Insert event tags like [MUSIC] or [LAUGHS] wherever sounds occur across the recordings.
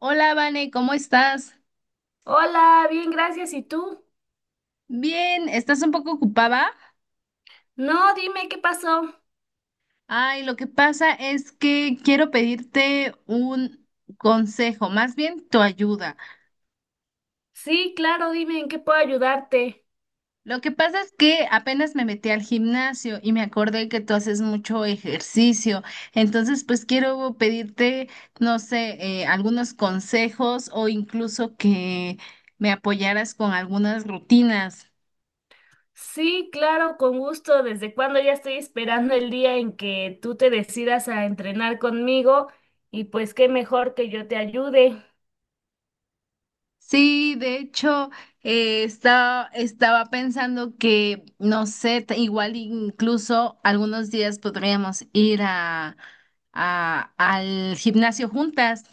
Hola, Vane, ¿cómo estás? Hola, bien, gracias. ¿Y tú? Bien, ¿estás un poco ocupada? No, dime qué pasó. Ay, lo que pasa es que quiero pedirte un consejo, más bien tu ayuda. Sí, claro, dime en qué puedo ayudarte. Lo que pasa es que apenas me metí al gimnasio y me acordé que tú haces mucho ejercicio, entonces pues quiero pedirte, no sé, algunos consejos o incluso que me apoyaras con algunas rutinas. Sí, claro, con gusto. Desde cuándo ya estoy esperando el día en que tú te decidas a entrenar conmigo y pues qué mejor que yo te ayude. Sí, de hecho, estaba pensando que, no sé, igual incluso algunos días podríamos ir al gimnasio juntas.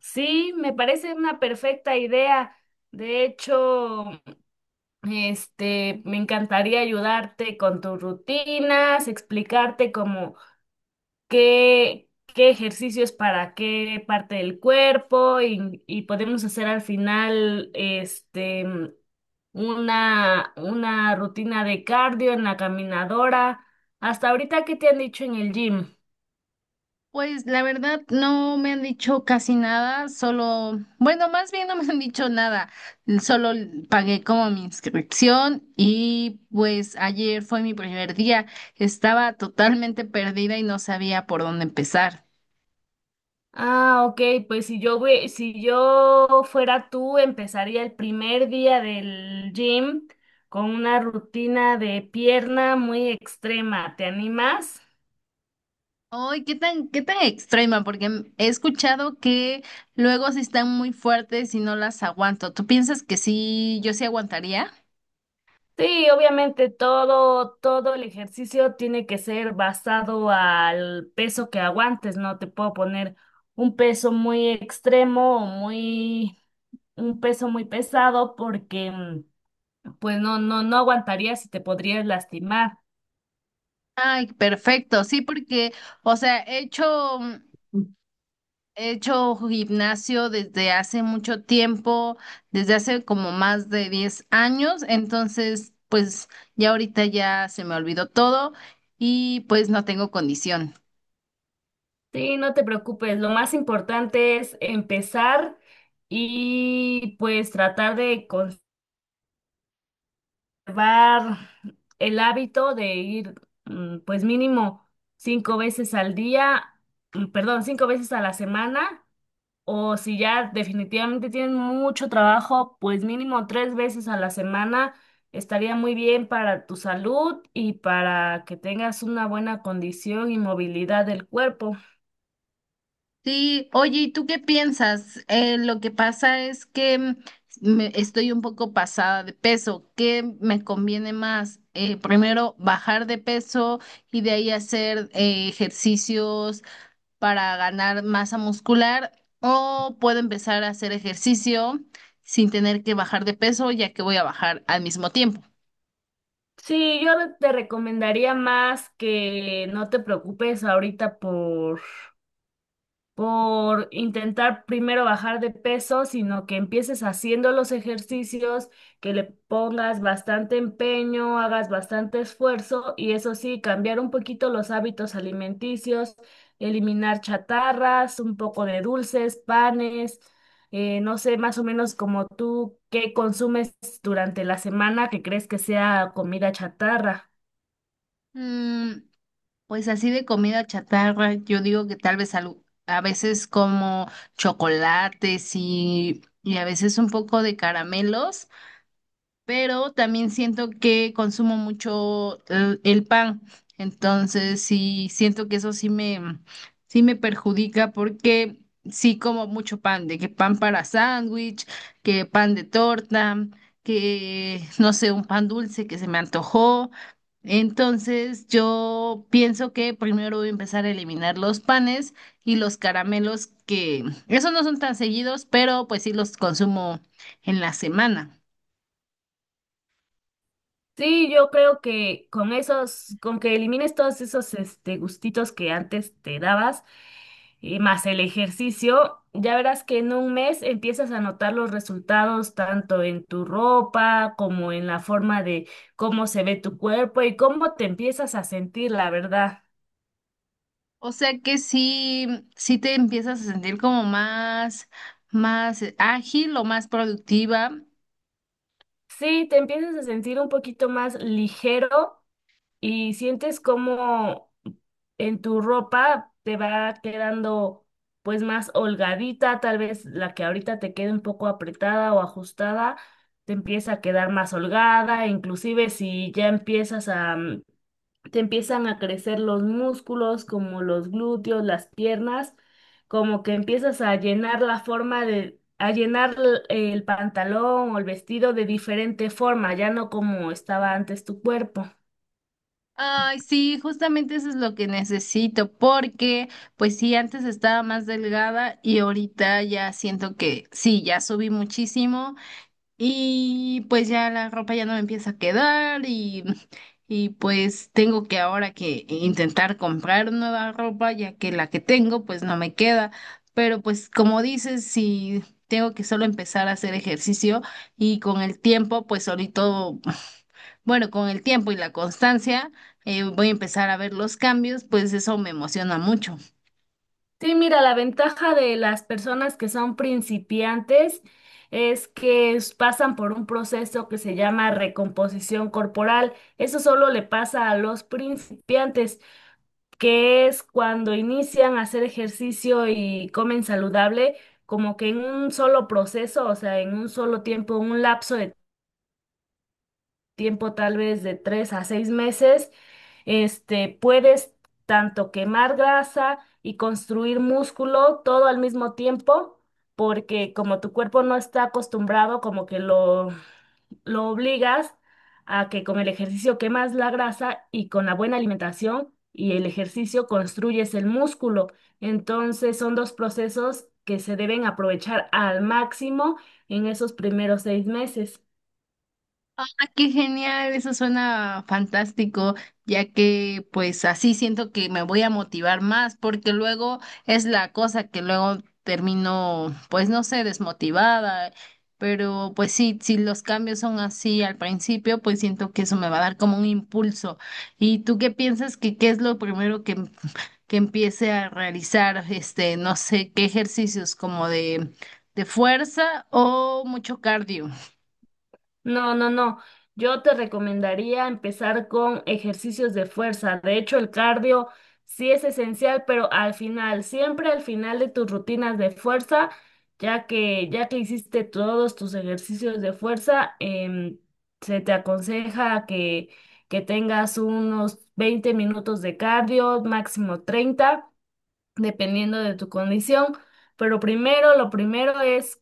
Sí, me parece una perfecta idea. De hecho, me encantaría ayudarte con tus rutinas, explicarte cómo qué, qué ejercicios para qué parte del cuerpo y podemos hacer al final una rutina de cardio en la caminadora. Hasta ahorita, ¿qué te han dicho en el gym? Pues la verdad no me han dicho casi nada, solo, bueno, más bien no me han dicho nada, solo pagué como mi inscripción y pues ayer fue mi primer día, estaba totalmente perdida y no sabía por dónde empezar. Ah, ok, pues si yo, si yo fuera tú, empezaría el primer día del gym con una rutina de pierna muy extrema. ¿Te animas? Ay, qué tan extrema, porque he escuchado que luego sí están muy fuertes y no las aguanto. ¿Tú piensas que sí, yo sí aguantaría? Sí, obviamente todo el ejercicio tiene que ser basado al peso que aguantes, no te puedo poner un peso muy extremo o muy, un peso muy pesado porque pues no aguantarías y te podrías lastimar. Ay, perfecto, sí, porque, o sea, he hecho gimnasio desde hace mucho tiempo, desde hace como más de 10 años, entonces, pues ya ahorita ya se me olvidó todo y pues no tengo condición. Sí, no te preocupes, lo más importante es empezar y pues tratar de llevar el hábito de ir, pues mínimo 5 veces al día, perdón, 5 veces a la semana, o si ya definitivamente tienen mucho trabajo, pues mínimo 3 veces a la semana estaría muy bien para tu salud y para que tengas una buena condición y movilidad del cuerpo. Sí, oye, ¿y tú qué piensas? Lo que pasa es que estoy un poco pasada de peso. ¿Qué me conviene más? Primero bajar de peso y de ahí hacer ejercicios para ganar masa muscular o puedo empezar a hacer ejercicio sin tener que bajar de peso ya que voy a bajar al mismo tiempo. Sí, yo te recomendaría más que no te preocupes ahorita por intentar primero bajar de peso, sino que empieces haciendo los ejercicios, que le pongas bastante empeño, hagas bastante esfuerzo y eso sí, cambiar un poquito los hábitos alimenticios, eliminar chatarras, un poco de dulces, panes, no sé, más o menos como tú, ¿qué consumes durante la semana que crees que sea comida chatarra? Mm, Pues así de comida chatarra, yo digo que tal vez a veces como chocolates y a veces un poco de caramelos, pero también siento que consumo mucho el pan, entonces sí siento que sí me perjudica porque sí como mucho pan, de que pan para sándwich, que pan de torta, que no sé, un pan dulce que se me antojó. Entonces yo pienso que primero voy a empezar a eliminar los panes y los caramelos, que esos no son tan seguidos, pero pues sí los consumo en la semana. Sí, yo creo que con esos, con que elimines todos esos gustitos que antes te dabas, y más el ejercicio, ya verás que en un mes empiezas a notar los resultados tanto en tu ropa como en la forma de cómo se ve tu cuerpo y cómo te empiezas a sentir, la verdad. O sea que sí, sí te empiezas a sentir como más, más ágil o más productiva. Sí, te empiezas a sentir un poquito más ligero y sientes como en tu ropa te va quedando pues más holgadita, tal vez la que ahorita te quede un poco apretada o ajustada, te empieza a quedar más holgada, inclusive si ya empiezas a, te empiezan a crecer los músculos como los glúteos, las piernas, como que empiezas a llenar la forma de a llenar el pantalón o el vestido de diferente forma, ya no como estaba antes tu cuerpo. Ay, sí, justamente eso es lo que necesito, porque pues sí, antes estaba más delgada y ahorita ya siento que sí, ya subí muchísimo. Y pues ya la ropa ya no me empieza a quedar, y pues tengo que ahora que intentar comprar nueva ropa ya que la que tengo pues no me queda. Pero pues como dices, si tengo que solo empezar a hacer ejercicio y con el tiempo pues solito, [SNIFFS] bueno, con el tiempo y la constancia, voy a empezar a ver los cambios, pues eso me emociona mucho. Sí, mira, la ventaja de las personas que son principiantes es que pasan por un proceso que se llama recomposición corporal. Eso solo le pasa a los principiantes, que es cuando inician a hacer ejercicio y comen saludable, como que en un solo proceso, o sea, en un solo tiempo, un lapso de tiempo tal vez de 3 a 6 meses, puedes tanto quemar grasa y construir músculo todo al mismo tiempo, porque como tu cuerpo no está acostumbrado, como que lo obligas a que con el ejercicio quemas la grasa y con la buena alimentación y el ejercicio construyes el músculo. Entonces son dos procesos que se deben aprovechar al máximo en esos primeros 6 meses. Ah, qué genial, eso suena fantástico, ya que pues así siento que me voy a motivar más, porque luego es la cosa que luego termino, pues no sé, desmotivada, pero pues sí, si los cambios son así al principio, pues siento que eso me va a dar como un impulso. ¿Y tú qué piensas que qué es lo primero que empiece a realizar, este, no sé, qué ejercicios como de fuerza o mucho cardio? No, no, no. Yo te recomendaría empezar con ejercicios de fuerza. De hecho, el cardio sí es esencial, pero al final, siempre al final de tus rutinas de fuerza, ya que hiciste todos tus ejercicios de fuerza, se te aconseja que tengas unos 20 minutos de cardio, máximo 30 dependiendo de tu condición. Pero primero, lo primero es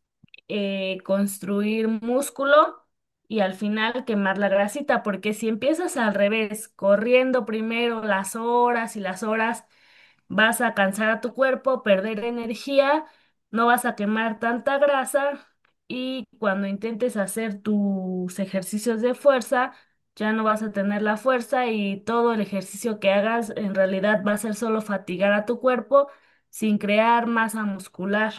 construir músculo y al final quemar la grasita, porque si empiezas al revés, corriendo primero las horas y las horas, vas a cansar a tu cuerpo, perder energía, no vas a quemar tanta grasa y cuando intentes hacer tus ejercicios de fuerza, ya no vas a tener la fuerza y todo el ejercicio que hagas en realidad va a ser solo fatigar a tu cuerpo sin crear masa muscular.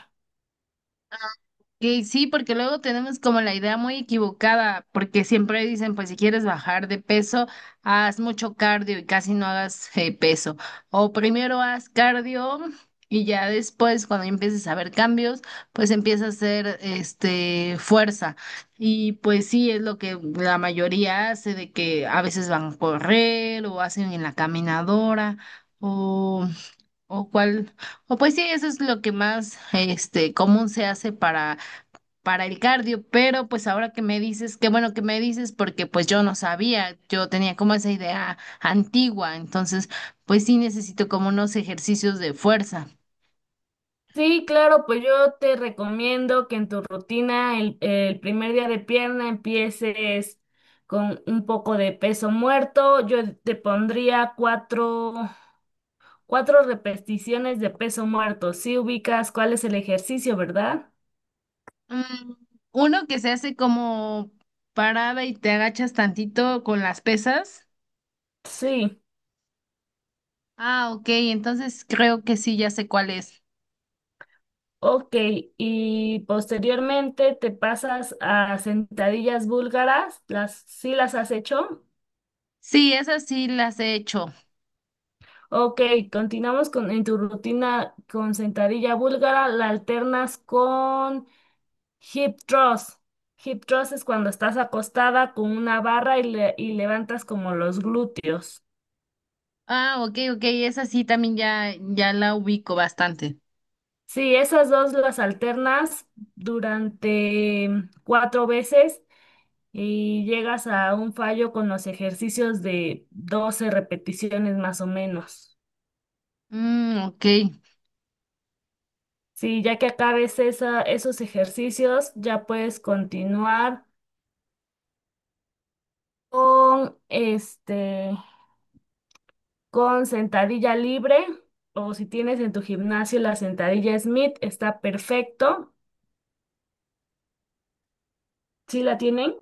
Que sí, porque luego tenemos como la idea muy equivocada, porque siempre dicen, pues si quieres bajar de peso, haz mucho cardio y casi no hagas peso. O primero haz cardio y ya después, cuando empieces a ver cambios, pues empieza a hacer este fuerza. Y pues sí, es lo que la mayoría hace, de que a veces van a correr o hacen en la caminadora o, o cuál o pues sí, eso es lo que más este común se hace para el cardio, pero pues ahora que me dices, qué bueno que me dices, porque pues yo no sabía, yo tenía como esa idea antigua, entonces pues sí necesito como unos ejercicios de fuerza. Sí, claro, pues yo te recomiendo que en tu rutina el primer día de pierna empieces con un poco de peso muerto. Yo te pondría cuatro 4 repeticiones de peso muerto. Sí ubicas cuál es el ejercicio, ¿verdad? Mm, uno que se hace como parada y te agachas tantito con las pesas. Sí. Ah, ok, entonces creo que sí, ya sé cuál es. Ok. Y posteriormente te pasas a sentadillas búlgaras. Sí las has hecho? Sí, esas sí las he hecho. Ok. Continuamos con, en tu rutina con sentadilla búlgara. La alternas con hip thrust. Hip thrust es cuando estás acostada con una barra y, y levantas como los glúteos. Ah, ok, ok, esa sí también ya, ya la ubico bastante. Sí, esas dos las alternas durante 4 veces y llegas a un fallo con los ejercicios de 12 repeticiones más o menos. Mm, ok. Sí, ya que acabes esa, esos ejercicios, ya puedes continuar con con sentadilla libre o si tienes en tu gimnasio la sentadilla Smith, está perfecto. ¿Sí la tienen?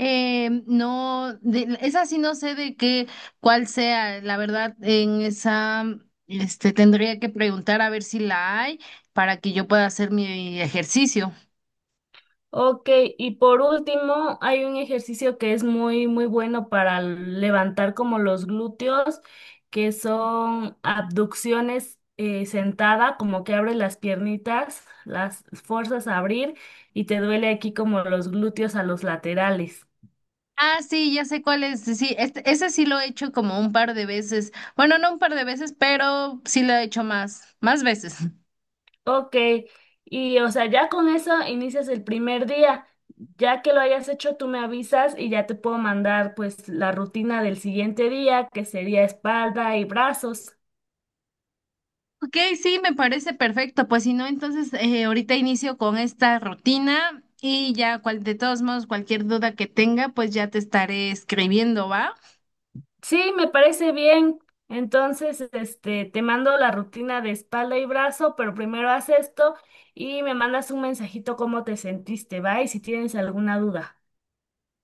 No, esa sí no sé de qué, cuál sea, la verdad, en esa, este, tendría que preguntar a ver si la hay para que yo pueda hacer mi ejercicio. Ok, y por último, hay un ejercicio que es muy, muy bueno para levantar como los glúteos, que son abducciones sentada, como que abres las piernitas, las fuerzas a abrir y te duele aquí como los glúteos a los laterales. Ah, sí, ya sé cuál es, sí, este, ese sí lo he hecho como un par de veces, bueno, no un par de veces, pero sí lo he hecho más, más veces. [LAUGHS] Ok, y o sea, ya con eso inicias el primer día. Ya que lo hayas hecho, tú me avisas y ya te puedo mandar pues la rutina del siguiente día, que sería espalda y brazos. Ok, sí, me parece perfecto. Pues si no, entonces ahorita inicio con esta rutina y ya cual, de todos modos, cualquier duda que tenga, pues ya te estaré escribiendo, ¿va? Sí, me parece bien. Entonces, te mando la rutina de espalda y brazo, pero primero haz esto y me mandas un mensajito cómo te sentiste, ¿va? Y si tienes alguna duda.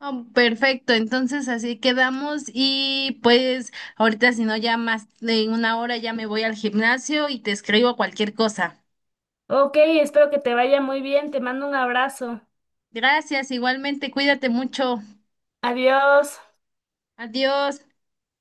Ah, perfecto, entonces así quedamos y pues ahorita si no ya más de 1 hora ya me voy al gimnasio y te escribo cualquier cosa. Ok, espero que te vaya muy bien. Te mando un abrazo. Gracias, igualmente, cuídate mucho. Adiós. Adiós.